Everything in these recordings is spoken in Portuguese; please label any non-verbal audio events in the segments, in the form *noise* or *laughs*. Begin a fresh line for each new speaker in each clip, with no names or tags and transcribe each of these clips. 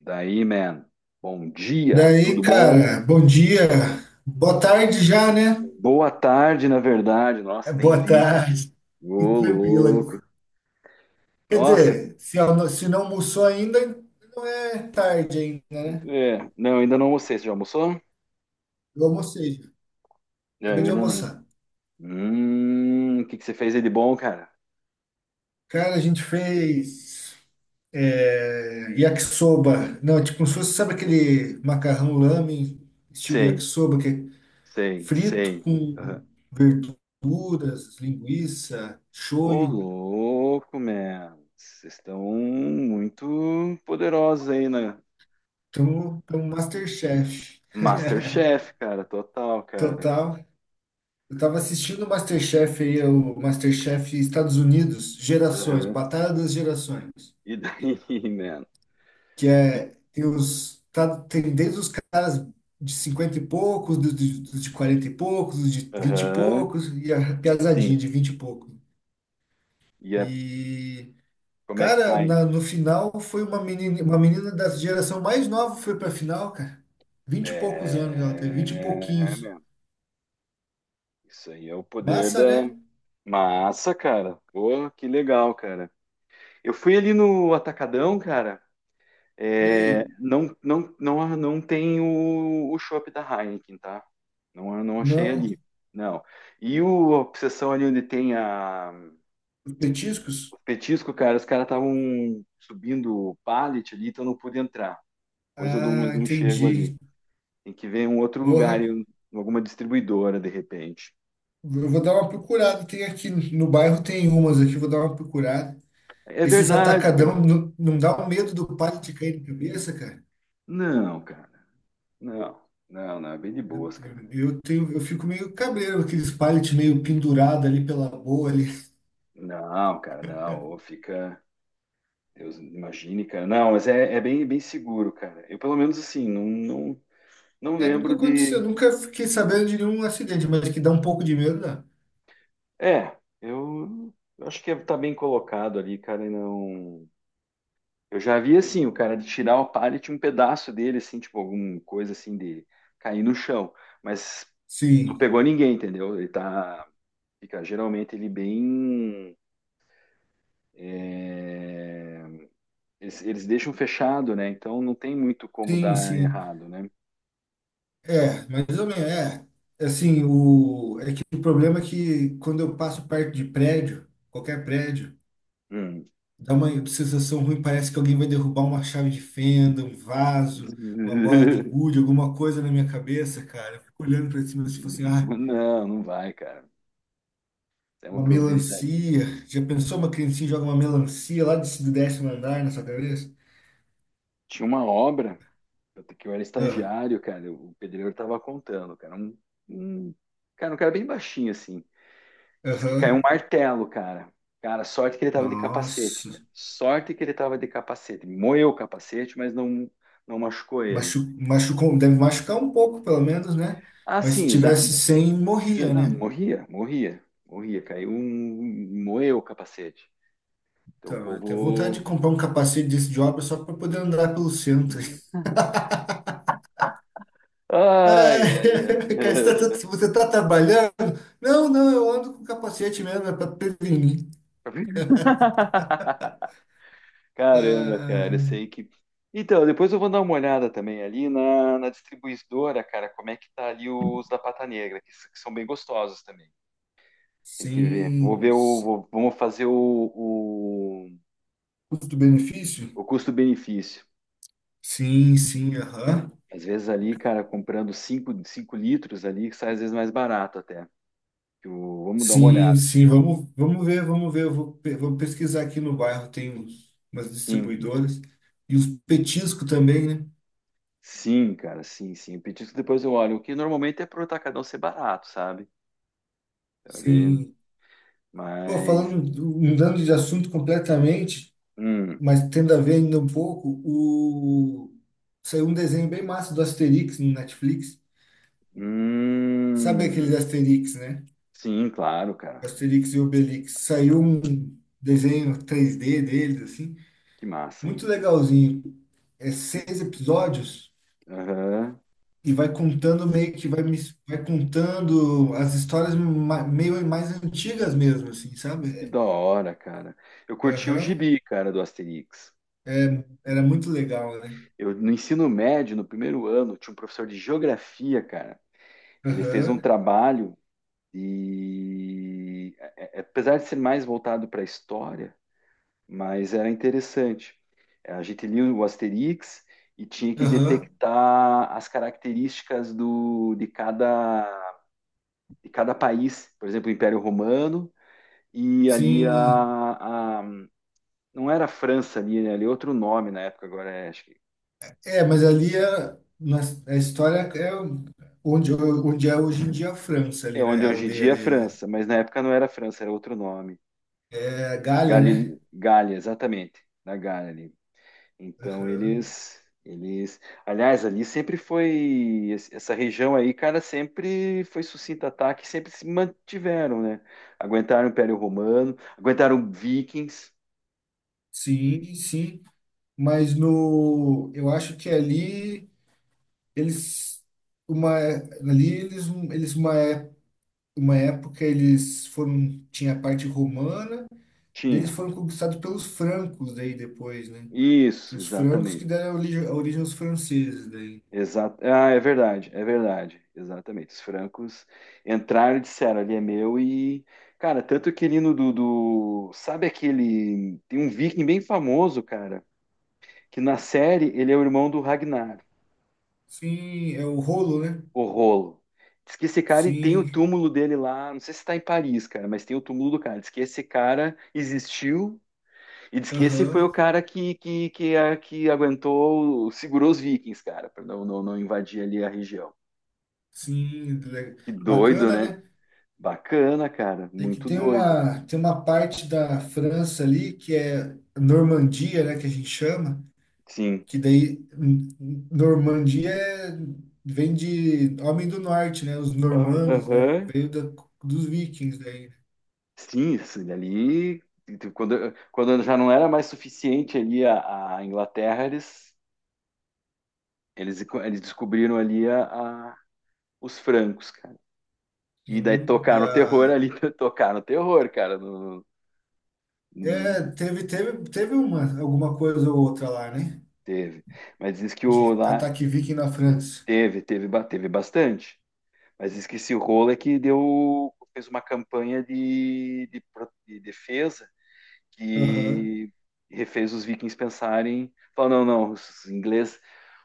Daí, man. Bom dia,
Daí,
tudo
cara,
bom?
bom dia. Boa tarde já, né?
Boa tarde, na verdade.
É,
Nossa, nem
boa
vi, cara.
tarde.
Ô,
E tranquila.
louco.
Quer
Nossa,
dizer, se não almoçou ainda, não é tarde ainda, né?
é. Não, ainda não almocei. Você já almoçou?
Eu almocei já.
Não,
Acabei
eu
de
ainda não.
almoçar.
O que que você fez aí de bom, cara?
Cara, a gente fez yakisoba. Não, é tipo, como se fosse, sabe aquele macarrão lamen, estilo
Sei,
yakisoba, que é
sei,
frito
sei. Aham.
com verduras, linguiça,
Ô,
shoyu.
louco, man. Vocês estão muito poderosos aí na
Então um Masterchef.
MasterChef, cara. Total, cara.
Total. Eu tava assistindo o MasterChef aí, o MasterChef Estados Unidos, Gerações,
Aham.
Batalha das Gerações,
E daí, *laughs* man?
que
E-
tem desde os caras de 50 e poucos, dos de 40 e poucos, dos de 20 e
Aham.
poucos e a piazadinha
Sim.
de 20 e poucos.
E é
E
Como é que tá
cara,
aí?
no final foi uma menina da geração mais nova foi pra final, cara. 20 e poucos anos ela teve, 20 e
É,
pouquinhos.
meu, isso aí é o poder da
Massa, né?
massa, cara. Pô, que legal, cara. Eu fui ali no Atacadão, cara.
E
É,
aí?
não, não, não, não tem o chopp da Heineken, tá? Não, não achei
Não,
ali. Não. E o a obsessão ali onde tem a,
os petiscos.
o petisco, cara, os caras estavam subindo o pallet ali, então não pude entrar. Pois eu dou
Ah,
mais um chego ali.
entendi.
Tem que ver um outro lugar,
Porra,
em alguma distribuidora, de repente.
eu vou dar uma procurada. Tem aqui no bairro, tem umas aqui, vou dar uma procurada.
É
Esses
verdade, cara.
atacadão não dá o medo do pallet cair na cabeça, cara?
Não, cara. Não. Não, não. É bem de
Eu,
boas, cara.
tenho- eu, tenho, eu fico meio cabreiro, aqueles pallet meio pendurado ali pela boa ali.
Não, cara, não. Ou fica. Deus, imagine, cara. Não, mas é bem, bem seguro, cara. Eu, pelo menos, assim, não, não, não
É, nunca
lembro
aconteceu,
de.
nunca fiquei sabendo de nenhum acidente, mas que dá um pouco de medo, dá.
É, eu acho que tá bem colocado ali, cara, e não. Eu já vi, assim, o cara de tirar o pallet, um pedaço dele, assim, tipo, alguma coisa, assim, de cair no chão. Mas não
Sim,
pegou ninguém, entendeu? Ele tá. Fica geralmente ele bem. É, eles deixam fechado, né? Então não tem muito como
sim,
dar
sim.
errado, né?
É, mais ou menos, é. Assim, é que o problema é que quando eu passo perto de prédio, qualquer prédio,
Hum.
dá uma sensação ruim, parece que alguém vai derrubar uma chave de fenda, um vaso, uma bola de
*laughs*
gude, alguma coisa na minha cabeça, cara. Eu fico olhando pra cima se fosse,
Não, não vai, cara. É uma
uma
probabilidade.
melancia. Já pensou uma criancinha joga uma melancia lá do décimo andar na sua cabeça?
Tinha uma obra que eu era
Ah.
estagiário, cara. O pedreiro tava contando, cara. Um- Cara, um cara bem baixinho, assim. Diz que caiu um
Aham.
martelo, cara. Cara, sorte que ele tava de capacete,
Nossa.
cara. Sorte que ele tava de capacete. Moeu o capacete, mas não, não machucou ele.
Machucou, deve machucar um pouco, pelo menos, né?
Ah,
Mas se
sim, dá.
tivesse sem,
Você,
morria,
não,
né?
morria, morria, morria. Caiu um. Moeu o capacete. Então o
Então, eu tenho vontade de
povo.
comprar um capacete desse de obra só para poder andar pelo centro.
Ai, ai,
É, *laughs* cara,
ai.
você tá trabalhando? Não, não, eu ando com capacete mesmo, é para prevenir.
*laughs* Caramba, cara, eu
Ah,
sei que. Então, depois eu vou dar uma olhada também ali na distribuidora, cara, como é que tá ali os da Pata Negra, que são bem gostosos também. Tem que ver. Vou
sim,
ver o.
sim.
vou- Vamos fazer o, o,
Custo-benefício?
o custo-benefício.
Sim, sim, aham.
Às vezes ali, cara, comprando cinco litros ali, que sai às vezes mais barato até. Vamos dar uma
Sim,
olhada.
sim, vamos, vamos ver, vamos ver. Eu vou pesquisar aqui no bairro, tem umas
Sim,
distribuidoras. E os petiscos também, né?
sim, cara, sim, sim. O petisco depois eu olho, o que normalmente é pro atacadão ser barato, sabe? Então, ele...
Sim. Pô,
Mas.
falando, mudando de assunto completamente,
Hum,
mas tendo a ver ainda um pouco, saiu um desenho bem massa do Asterix no Netflix. Sabe
hum,
aquele Asterix, né?
sim, claro, cara.
Asterix e Obelix. Saiu um desenho 3D deles, assim,
Que massa.
muito legalzinho. É
Que-
seis episódios
Aham,
e vai contando meio que vai contando as histórias meio mais antigas mesmo, assim, sabe?
que
É.
da hora, cara. Eu curti o
Aham.
gibi, cara, do Asterix.
Era muito legal, né?
Eu, no ensino médio, no primeiro ano, tinha um professor de geografia, cara. Ele fez um
Aham,
trabalho e, é, apesar de ser mais voltado para a história, mas era interessante. A gente lia o Asterix e tinha que
aham.
detectar as características de cada país. Por exemplo, o Império Romano e ali
Sim.
não era a França ali, né? Ali é outro nome na época, agora é, acho que
É, mas ali é, na, a história é onde, onde é hoje em dia a França
é
ali, né?
onde
A
hoje em
aldeia
dia é
deles.
França, mas na época não era França, era outro nome.
É Galha, né?
Galha, Galha, exatamente, na Galha ali. Então
Aham.
eles, aliás, ali sempre foi essa região aí, cara, sempre foi sucinto ataque, sempre se mantiveram, né? Aguentaram o Império Romano, aguentaram Vikings,
Sim, sim. Mas no, eu acho que ali eles uma ali eles eles uma é- uma época eles foram tinha a parte romana, daí eles
tinha.
foram conquistados pelos francos daí depois, né? Que
Isso,
os francos que
exatamente.
deram a origem aos franceses daí.
Exato. Ah, é verdade, é verdade. Exatamente. Os francos entraram e disseram, ali é meu e, cara, tanto que ali no do, do- sabe aquele, tem um viking bem famoso, cara, que na série ele é o irmão do Ragnar.
Sim, é o rolo, né?
O rolo. Diz que esse cara e tem o
Sim,
túmulo dele lá, não sei se tá em Paris, cara, mas tem o túmulo do cara. Diz que esse cara existiu e diz que esse foi o
aham,
cara que aguentou, segurou os vikings, cara, pra não, não, não invadir ali a região.
sim,
Que doido,
bacana,
né?
né?
Bacana, cara,
É que
muito
tem
doido.
uma, tem uma parte da França ali que é Normandia, né, que a gente chama,
Sim.
que daí vem de homem do norte, né, os normandos, né,
Aham.
veio dos vikings daí.
Sim, isso ali. Quando já não era mais suficiente ali a Inglaterra, eles descobriram ali a- os francos, cara. E daí
Sim, e
tocar no terror ali, *laughs* tocar no terror, cara, no- no-
teve alguma coisa ou outra lá, né,
teve. Mas diz que
de
o lá
ataque viking na França.
teve bastante. Mas diz que esse rolo é que deu, fez uma campanha de defesa
Aham,
que refez os vikings pensarem, falou, não, não, os ingleses,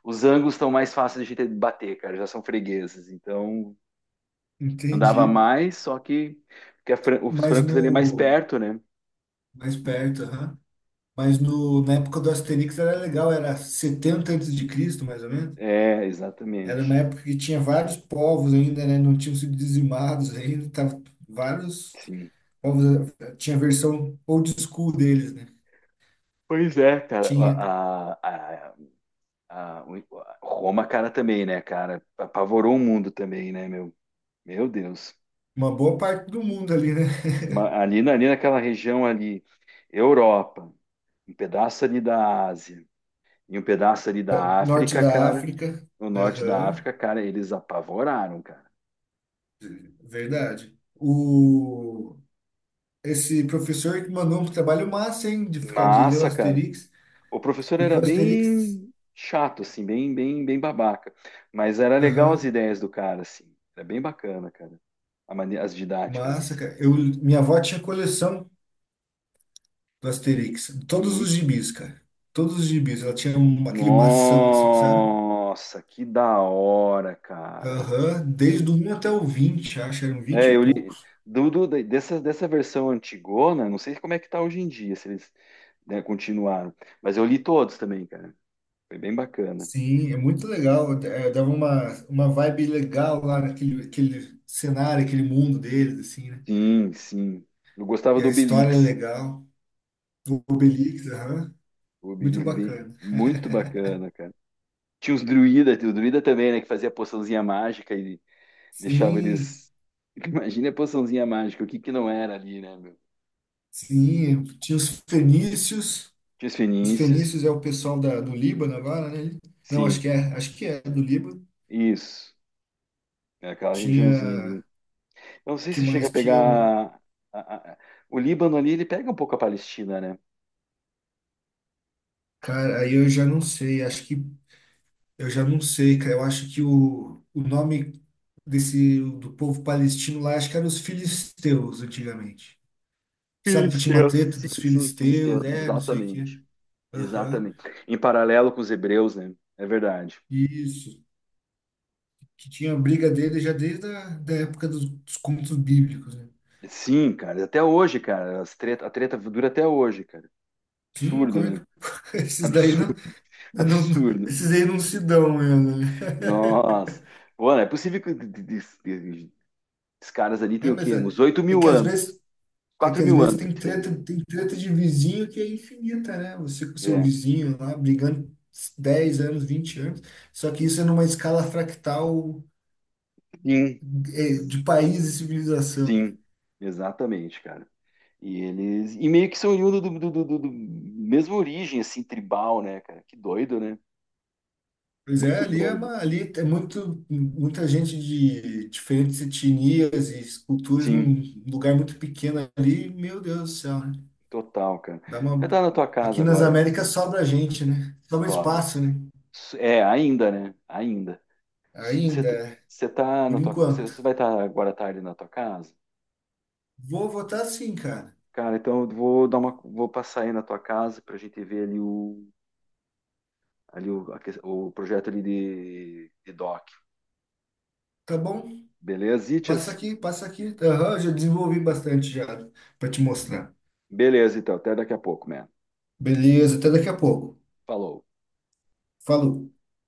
os anglos estão mais fáceis de a gente bater, cara, já são fregueses. Então andava
entendi.
mais, só que porque a fran- os
Mas
francos ali é mais
no
perto, né?
mais perto, aham. Mas no, na época do Asterix era legal, era 70 antes de Cristo, mais ou menos.
É,
Era uma
exatamente.
época que tinha vários povos ainda, né? Não tinham sido dizimados ainda, tava vários
Sim.
povos, tinha a versão old school deles, né?
Pois é, cara.
Tinha
A Roma, cara, também, né, cara? Apavorou o mundo também, né, meu? Meu Deus.
uma boa parte do mundo ali, né?
Ali, ali naquela região ali, Europa, um pedaço ali da Ásia e um pedaço ali da
*laughs* Norte
África,
da
cara,
África,
no norte da
aham,
África, cara, eles apavoraram, cara.
verdade. Esse professor que mandou um trabalho massa, hein, de ficar de ler o
Massa, cara.
Asterix,
O professor
porque
era
o Asterix,
bem chato, assim, bem, bem, bem babaca. Mas era legal as ideias do cara, assim. Era bem bacana, cara. As didáticas,
massa,
assim.
cara. Minha avó tinha coleção do Asterix.
É
Todos os
muito
gibis, cara. Todos os gibis. Ela tinha aquele mação, assim, sabe?
Nossa, que da hora, cara.
Aham. Desde o um até o 20 acho. Eram 20
É,
e
eu li
poucos.
dessa versão antigona, não sei como é que tá hoje em dia, se eles, né, continuaram. Mas eu li todos também, cara. Foi bem bacana.
Sim, é muito legal. É, dava uma vibe legal lá naquele aquele cenário, aquele mundo deles, assim, né?
Sim, sim. Eu gostava
E a
do
história é
Obelix.
legal. O Obelix, aham.
O
Muito
Obelix bem,
bacana.
muito bacana, cara. Tinha os druida, o druida também, né, que fazia poçãozinha mágica e deixava
Sim,
eles. *laughs* Imagina a poçãozinha mágica, o que que não era ali, né, meu?
sim. Tinha os fenícios.
Tinha os
Os
fenícios,
fenícios é o pessoal do Líbano agora, né? Não, acho
sim,
que é, acho que é do Líbano.
isso. É aquela regiãozinha
Tinha,
ali. Eu não sei
que
se chega a
mais? Tinha,
pegar. a- a- a- o Líbano ali, ele pega um pouco a Palestina, né?
cara, aí eu já não sei, acho que eu já não sei, cara. Eu acho que o nome desse do povo palestino lá, acho que era os filisteus antigamente. Sabe que tinha uma
Filisteus.
treta dos
Sim, sim,
filisteus,
filisteus,
né? Não sei o quê.
exatamente.
Aham.
Exatamente. Em paralelo com os hebreus, né? É verdade.
Isso. Que tinha a briga dele já desde a da época dos contos bíblicos, né?
Sim, cara, até hoje, cara. A treta dura até hoje, cara.
Sim,
Absurdo,
como é
né?
que *laughs* esses daí
Absurdo,
não.
*laughs*
Não,
absurdo.
esses aí não se dão mesmo, né?
Nossa.
*laughs*
Pô, não é possível que esses caras ali têm
É,
o
mas
quê? Uns oito
é
mil
que às
anos.
vezes, é que
quatro
às
mil
vezes
anos
tem
eles têm.
treta, tem treta de vizinho que é infinita, né? Você com o seu
É.
vizinho lá brigando 10 anos, 20 anos, só que isso é numa escala fractal
Sim.
de país e civilização.
Sim, exatamente, cara. E eles. E meio que são oriundos mesma origem, assim, tribal, né, cara? Que doido, né?
Pois é,
Muito
ali é
doido.
uma, ali é muito, muita gente de diferentes etnias e culturas
Sim,
num lugar muito pequeno ali, meu Deus do céu, né?
total, cara.
Dá
Você vai
uma...
estar na tua casa
Aqui nas
agora,
Américas sobra gente, né? Sobra
Sob.
espaço, né?
É, ainda, né? Ainda. Você
Ainda, é.
você tá
Por
na tua. Você
enquanto.
você vai estar agora à tarde na tua casa?
Vou votar sim, cara.
Cara, então eu vou dar uma. Vou passar aí na tua casa pra gente ver ali o. Ali o, o projeto ali de doc.
Tá bom?
Beleza,
Passa
Itias?
aqui, passa aqui. Aham, já desenvolvi bastante já para te mostrar.
Beleza, então. Até daqui a pouco, man.
Beleza, até daqui a pouco.
Falou.
Falou.